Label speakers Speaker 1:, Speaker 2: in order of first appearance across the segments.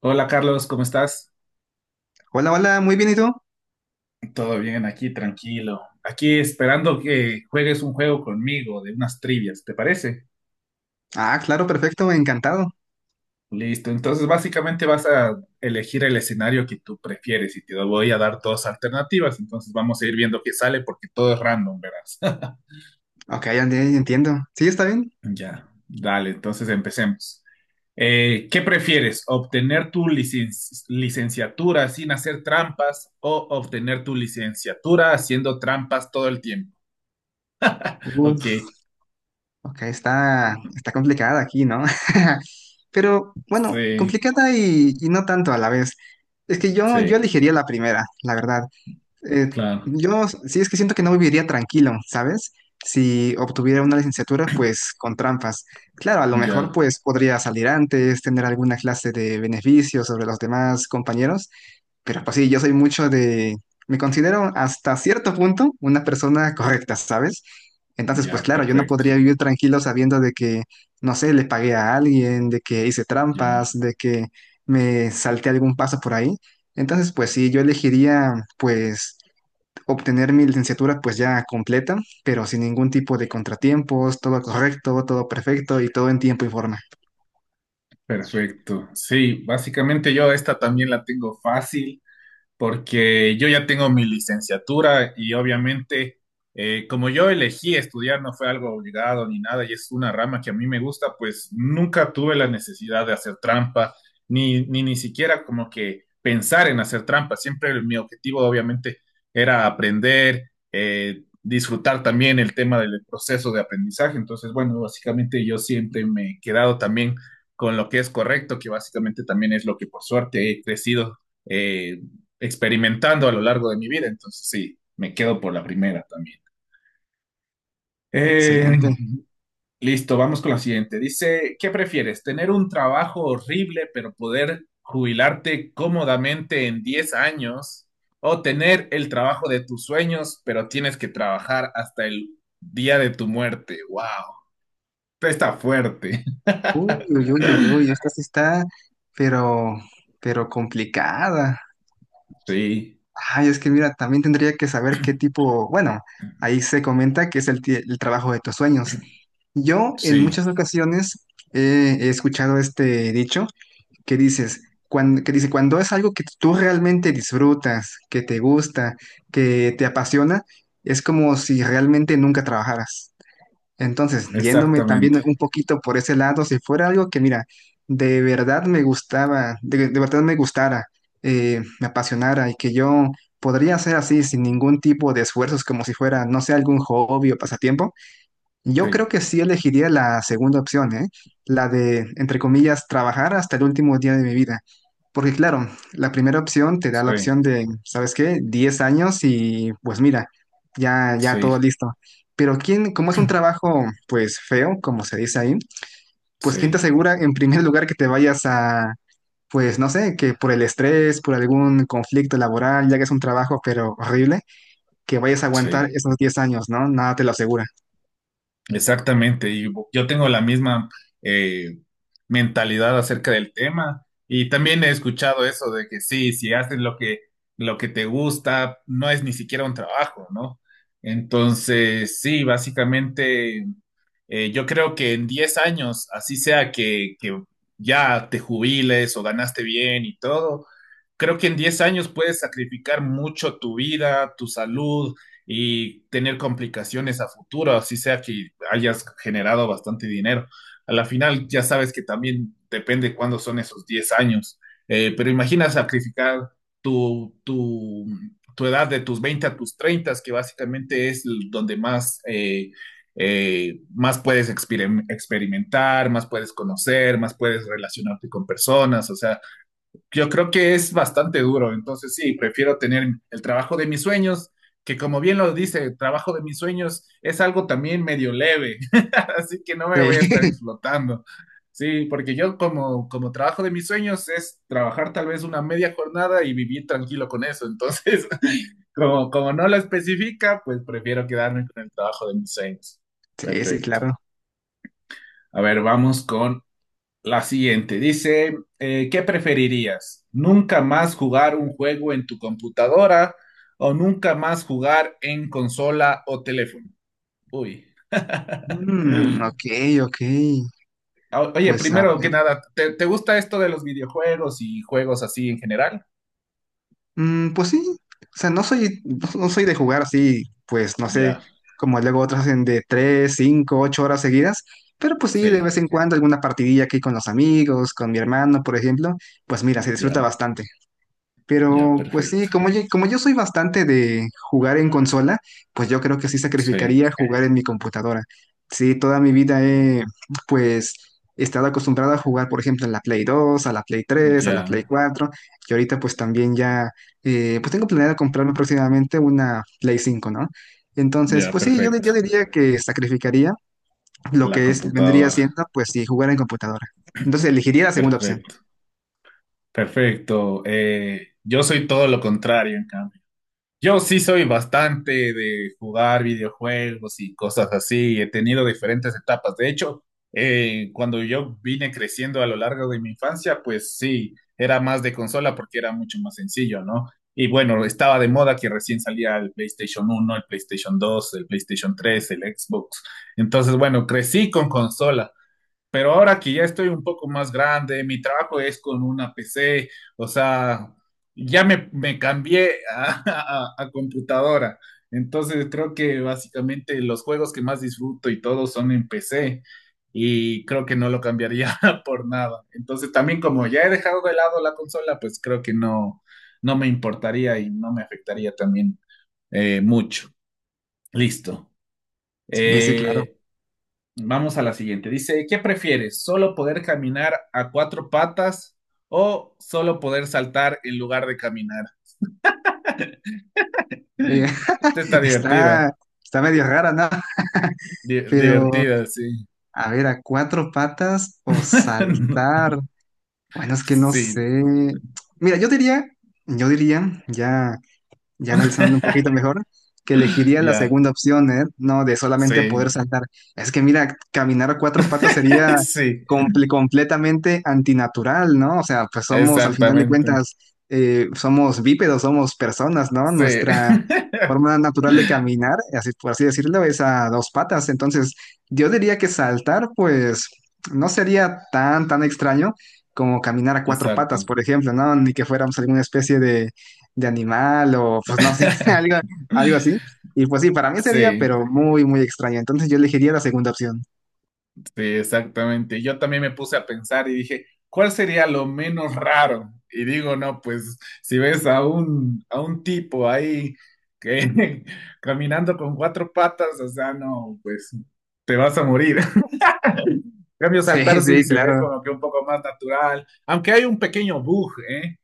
Speaker 1: Hola Carlos, ¿cómo estás?
Speaker 2: Hola, hola, muy bien, ¿y tú?
Speaker 1: Todo bien aquí, tranquilo. Aquí esperando que juegues un juego conmigo de unas trivias, ¿te parece?
Speaker 2: Ah, claro, perfecto, encantado.
Speaker 1: Listo, entonces básicamente vas a elegir el escenario que tú prefieres y te voy a dar dos alternativas, entonces vamos a ir viendo qué sale porque todo es random, verás.
Speaker 2: Ok, ya entiendo. ¿Sí está bien?
Speaker 1: Ya, dale, entonces empecemos. ¿Qué prefieres? ¿Obtener tu licenciatura sin hacer trampas o obtener tu licenciatura haciendo trampas todo el tiempo? Ok,
Speaker 2: Uf, ok, está complicada aquí, ¿no? Pero bueno,
Speaker 1: sí.
Speaker 2: complicada y no tanto a la vez. Es que yo
Speaker 1: Sí,
Speaker 2: elegiría la primera, la verdad. Eh,
Speaker 1: claro,
Speaker 2: yo sí es que siento que no viviría tranquilo, ¿sabes? Si obtuviera una licenciatura, pues con trampas. Claro, a lo mejor
Speaker 1: ya,
Speaker 2: pues podría salir antes, tener alguna clase de beneficio sobre los demás compañeros. Pero pues sí, yo soy mucho de. Me considero hasta cierto punto una persona correcta, ¿sabes? Entonces,
Speaker 1: ya,
Speaker 2: pues claro, yo no
Speaker 1: perfecto,
Speaker 2: podría vivir tranquilo sabiendo de que, no sé, le pagué a alguien, de que hice trampas,
Speaker 1: ya,
Speaker 2: de que me salté algún paso por ahí. Entonces, pues sí, yo elegiría, pues, obtener mi licenciatura pues ya completa, pero sin ningún tipo de contratiempos, todo correcto, todo perfecto y todo en tiempo y forma.
Speaker 1: perfecto. Sí, básicamente yo esta también la tengo fácil, porque yo ya tengo mi licenciatura y obviamente, como yo elegí estudiar, no fue algo obligado ni nada y es una rama que a mí me gusta, pues nunca tuve la necesidad de hacer trampa, ni siquiera como que pensar en hacer trampa. Siempre mi objetivo, obviamente, era aprender, disfrutar también el tema del proceso de aprendizaje. Entonces, bueno, básicamente yo siempre me he quedado también con lo que es correcto, que básicamente también es lo que por suerte he crecido eh, experimentando a lo largo de mi vida. Entonces, sí, me quedo por la primera también. Eh,
Speaker 2: Excelente.
Speaker 1: listo, vamos con la siguiente. Dice, ¿qué prefieres? ¿Tener un trabajo horrible pero poder jubilarte cómodamente en 10 años? ¿O tener el trabajo de tus sueños pero tienes que trabajar hasta el día de tu muerte? ¡Wow! Está fuerte.
Speaker 2: Uy, uy, uy, uy, uy, esta sí está, pero, pero complicada.
Speaker 1: Sí,
Speaker 2: Ay, es que mira, también tendría que saber qué tipo, bueno, ahí se comenta que es el trabajo de tus sueños. Yo en
Speaker 1: sí,
Speaker 2: muchas ocasiones he escuchado este dicho que dices, cuando, que dice, cuando es algo que tú realmente disfrutas, que te gusta, que te apasiona, es como si realmente nunca trabajaras. Entonces, yéndome
Speaker 1: exactamente.
Speaker 2: también un poquito por ese lado, si fuera algo que, mira, de verdad me gustaba, de verdad me gustara, me apasionara y que yo podría hacer así sin ningún tipo de esfuerzos, como si fuera, no sé, algún hobby o pasatiempo, yo creo
Speaker 1: Sí,
Speaker 2: que sí elegiría la segunda opción, ¿eh? La de, entre comillas, trabajar hasta el último día de mi vida. Porque claro, la primera opción te da la
Speaker 1: sí,
Speaker 2: opción de, ¿sabes qué? 10 años y pues mira, ya, ya
Speaker 1: sí,
Speaker 2: todo listo. Pero quién, como es un trabajo pues feo, como se dice ahí, pues quién te
Speaker 1: sí,
Speaker 2: asegura en primer lugar que te vayas a, pues no sé, que por el estrés, por algún conflicto laboral, ya que es un trabajo pero horrible, que vayas a aguantar
Speaker 1: sí.
Speaker 2: esos 10 años, ¿no? Nada te lo asegura.
Speaker 1: Exactamente, y yo tengo la misma, eh, mentalidad acerca del tema, y también he escuchado eso de que sí, si haces lo que te gusta, no es ni siquiera un trabajo, ¿no? Entonces, sí, básicamente, yo creo que en 10 años, así sea que ya te jubiles o ganaste bien y todo, creo que en 10 años puedes sacrificar mucho tu vida, tu salud y tener complicaciones a futuro, así sea que hayas generado bastante dinero. A la final ya sabes que también depende cuándo son esos 10 años. Pero imagina sacrificar tu, tu, tu edad de tus 20 a tus 30, que básicamente es donde más... más puedes experimentar, más puedes conocer, más puedes relacionarte con personas. O sea, yo creo que es bastante duro. Entonces, sí, prefiero tener el trabajo de mis sueños, que como bien lo dice, el trabajo de mis sueños es algo también medio leve, así que no me voy a estar explotando. Sí, porque yo como, como trabajo de mis sueños es trabajar tal vez una media jornada y vivir tranquilo con eso. Entonces, como, como no lo especifica, pues prefiero quedarme con el trabajo de mis sueños.
Speaker 2: Sí, sí,
Speaker 1: Perfecto.
Speaker 2: claro.
Speaker 1: A ver, vamos con la siguiente. Dice, ¿qué preferirías? ¿Nunca más jugar un juego en tu computadora o nunca más jugar en consola o teléfono? Uy.
Speaker 2: Mm,
Speaker 1: Uy.
Speaker 2: ok, ok.
Speaker 1: Oye,
Speaker 2: Pues a
Speaker 1: primero que
Speaker 2: ver.
Speaker 1: nada, ¿te, te gusta esto de los videojuegos y juegos así en general?
Speaker 2: Mm, pues sí. O sea, no soy, no, no soy de jugar así, pues no sé,
Speaker 1: Ya,
Speaker 2: como luego otros hacen de 3, 5, 8 horas seguidas. Pero pues sí, de
Speaker 1: sí,
Speaker 2: vez en cuando alguna partidilla aquí con los amigos, con mi hermano, por ejemplo. Pues mira, se disfruta
Speaker 1: ya,
Speaker 2: bastante.
Speaker 1: ya,
Speaker 2: Pero pues sí,
Speaker 1: perfecto.
Speaker 2: como yo soy bastante de jugar en consola, pues yo creo que sí
Speaker 1: Sí,
Speaker 2: sacrificaría jugar en mi computadora. Sí, toda mi vida he pues estado acostumbrado a jugar, por ejemplo, en la Play 2, a la Play 3, a la Play
Speaker 1: ya,
Speaker 2: 4, y ahorita pues también ya, pues tengo planeado comprarme próximamente una Play 5, ¿no? Entonces,
Speaker 1: ya,
Speaker 2: pues sí, yo
Speaker 1: perfecto.
Speaker 2: diría que sacrificaría lo
Speaker 1: La
Speaker 2: que es, vendría
Speaker 1: computadora.
Speaker 2: siendo, pues sí, jugar en computadora. Entonces elegiría la segunda opción.
Speaker 1: Perfecto, perfecto. Yo soy todo lo contrario, en cambio. Yo sí soy bastante de jugar videojuegos y cosas así. He tenido diferentes etapas. De hecho, cuando yo vine creciendo a lo largo de mi infancia, pues sí, era más de consola porque era mucho más sencillo, ¿no? Y bueno, estaba de moda que recién salía el PlayStation uno, el PlayStation 2, el PlayStation 3, el Xbox. Entonces, bueno, crecí con consolas. Pero ahora que ya estoy un poco más grande, mi trabajo es con una PC, o sea, ya me cambié a, a computadora. Entonces creo que básicamente los juegos que más disfruto y todo son en PC y creo que no lo cambiaría por nada. Entonces también, como ya he dejado de lado la consola, pues creo que no, no me importaría y no me afectaría también, mucho. Listo.
Speaker 2: Sí, sí, claro.
Speaker 1: Eh, Vamos a la siguiente. Dice, ¿qué prefieres? ¿Solo poder caminar a cuatro patas o solo poder saltar en lugar de caminar?
Speaker 2: Oye,
Speaker 1: Esta está
Speaker 2: Está,
Speaker 1: divertida.
Speaker 2: está medio rara, ¿no? Pero,
Speaker 1: Divertida, sí.
Speaker 2: a ver, a cuatro patas o saltar. Bueno, es que no
Speaker 1: Sí.
Speaker 2: sé. Mira, yo diría, ya ya analizando un poquito mejor, que elegiría la
Speaker 1: Ya,
Speaker 2: segunda opción, ¿eh? No, de solamente poder
Speaker 1: sí.
Speaker 2: saltar. Es que mira, caminar a cuatro patas sería
Speaker 1: Sí,
Speaker 2: completamente antinatural, ¿no? O sea, pues somos, al final de
Speaker 1: exactamente.
Speaker 2: cuentas, somos bípedos, somos personas, ¿no?
Speaker 1: Sí.
Speaker 2: Nuestra forma natural de caminar, así, por así decirlo, es a dos patas. Entonces, yo diría que saltar, pues, no sería tan, tan extraño como caminar a cuatro patas,
Speaker 1: Exacto.
Speaker 2: por ejemplo, ¿no? Ni que fuéramos alguna especie de animal o pues no sé, algo, algo así. Y pues sí, para mí sería,
Speaker 1: Sí.
Speaker 2: pero muy, muy extraño. Entonces yo elegiría la segunda opción.
Speaker 1: Sí, exactamente. Yo también me puse a pensar y dije, ¿cuál sería lo menos raro? Y digo, no, pues si ves a a un tipo ahí que caminando con cuatro patas, o sea, no, pues te vas a morir. En cambio,
Speaker 2: Sí,
Speaker 1: saltar sí
Speaker 2: sí,
Speaker 1: se ve
Speaker 2: claro.
Speaker 1: como que un poco más natural, aunque hay un pequeño bug, ¿eh?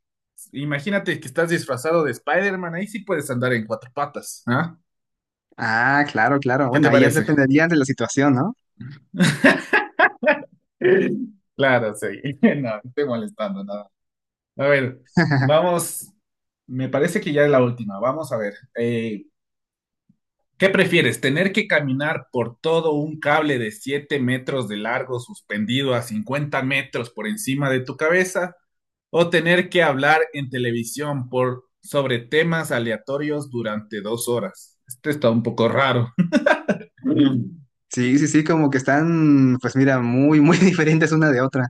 Speaker 1: Imagínate que estás disfrazado de Spider-Man, ahí sí puedes andar en cuatro patas, ¿ah?
Speaker 2: Ah, claro, claro.
Speaker 1: ¿Qué
Speaker 2: Bueno,
Speaker 1: te
Speaker 2: ahí ya
Speaker 1: parece?
Speaker 2: dependería de la situación, ¿no?
Speaker 1: Claro, sí. No, estoy molestando, nada. A ver, vamos, me parece que ya es la última. Vamos a ver. ¿Qué prefieres? ¿Tener que caminar por todo un cable de 7 metros de largo suspendido a 50 metros por encima de tu cabeza? ¿O tener que hablar en televisión por, sobre temas aleatorios durante 2 horas? Esto está un poco raro.
Speaker 2: Sí, sí, sí, como que están, pues mira, muy, muy diferentes una de otra.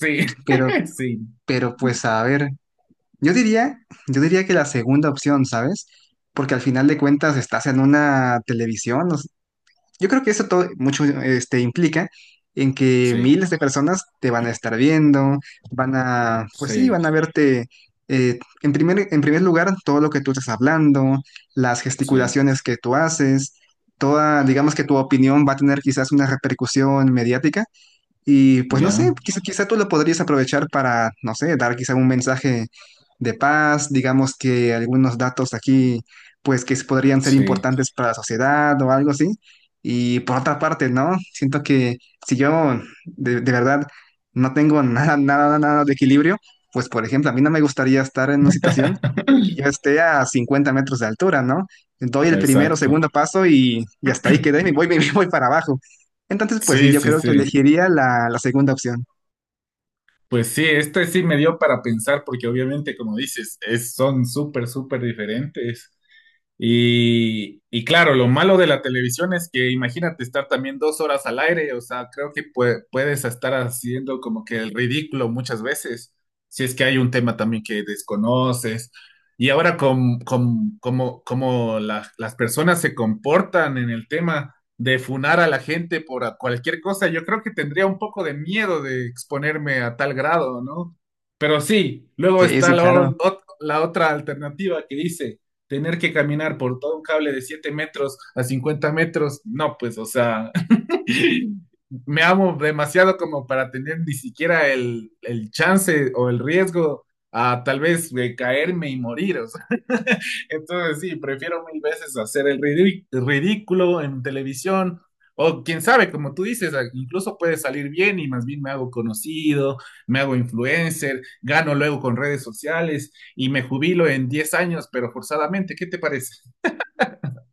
Speaker 1: Sí,
Speaker 2: Pero,
Speaker 1: sí,
Speaker 2: pero pues a ver, yo diría, yo diría, que la segunda opción, ¿sabes? Porque al final de cuentas estás en una televisión. Yo creo que eso todo mucho este, implica en que
Speaker 1: sí,
Speaker 2: miles de personas te van a estar viendo, van a, pues sí,
Speaker 1: sí,
Speaker 2: van a verte en primer lugar todo lo que tú estás hablando, las
Speaker 1: sí,
Speaker 2: gesticulaciones que tú haces, toda, digamos que tu opinión va a tener quizás una repercusión mediática y pues no sé,
Speaker 1: ya,
Speaker 2: quizá tú lo podrías aprovechar para, no sé, dar quizá un mensaje de paz, digamos que algunos datos aquí, pues que podrían ser
Speaker 1: sí.
Speaker 2: importantes para la sociedad o algo así. Y por otra parte, ¿no? Siento que si yo de verdad no tengo nada, nada, nada de equilibrio, pues por ejemplo, a mí no me gustaría estar en una situación en que yo esté a 50 metros de altura, ¿no? Doy el primero,
Speaker 1: Exacto.
Speaker 2: segundo paso y hasta ahí quedé y me voy, me voy para abajo. Entonces, pues sí,
Speaker 1: Sí,
Speaker 2: yo
Speaker 1: sí,
Speaker 2: creo que
Speaker 1: sí.
Speaker 2: elegiría la segunda opción.
Speaker 1: Pues sí, este sí me dio para pensar porque obviamente, como dices, es, son súper, súper diferentes. Y claro, lo malo de la televisión es que imagínate estar también 2 horas al aire, o sea, creo que puedes estar haciendo como que el ridículo muchas veces, si es que hay un tema también que desconoces. Y ahora con, como, como las personas se comportan en el tema de funar a la gente por cualquier cosa, yo creo que tendría un poco de miedo de exponerme a tal grado, ¿no? Pero sí, luego
Speaker 2: Sí,
Speaker 1: está
Speaker 2: sí,
Speaker 1: la
Speaker 2: claro.
Speaker 1: la otra alternativa que dice tener que caminar por todo un cable de 7 metros a 50 metros, no, pues, o sea, me amo demasiado como para tener ni siquiera el chance o el riesgo a tal vez, caerme y morir. O sea. Entonces sí, prefiero mil veces hacer el ridículo en televisión, o quién sabe, como tú dices, incluso puede salir bien y más bien me hago conocido, me hago influencer, gano luego con redes sociales y me jubilo en 10 años, pero forzadamente. ¿Qué te parece?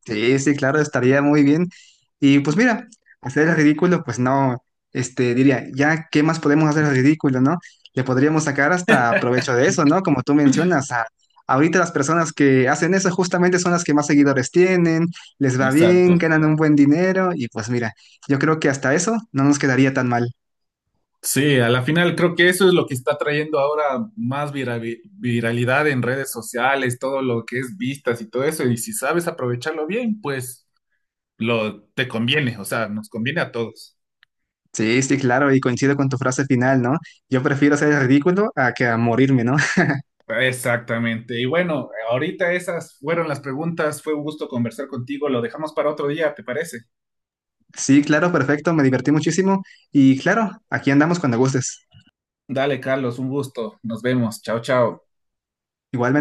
Speaker 2: Sí, sí, claro, estaría muy bien. Y pues mira, hacer el ridículo, pues no, este, diría, ya, ¿qué más podemos hacer el ridículo, no? Le podríamos sacar hasta provecho de eso, ¿no? Como tú mencionas, ahorita las personas que hacen eso justamente son las que más seguidores tienen, les va bien,
Speaker 1: Exacto.
Speaker 2: ganan un buen dinero y pues mira, yo creo que hasta eso no nos quedaría tan mal.
Speaker 1: Sí, a la final creo que eso es lo que está trayendo ahora más viralidad en redes sociales, todo lo que es vistas y todo eso. Y si sabes aprovecharlo bien, pues lo te conviene, o sea, nos conviene a todos.
Speaker 2: Sí, sí, claro, y coincido con tu frase final, ¿no? Yo prefiero hacer el ridículo a que a morirme, ¿no?
Speaker 1: Exactamente. Y bueno, ahorita esas fueron las preguntas. Fue un gusto conversar contigo. Lo dejamos para otro día, ¿te parece?
Speaker 2: Sí, claro, perfecto, me divertí muchísimo y claro, aquí andamos cuando gustes.
Speaker 1: Dale, Carlos, un gusto. Nos vemos. Chao, chao.
Speaker 2: Igual.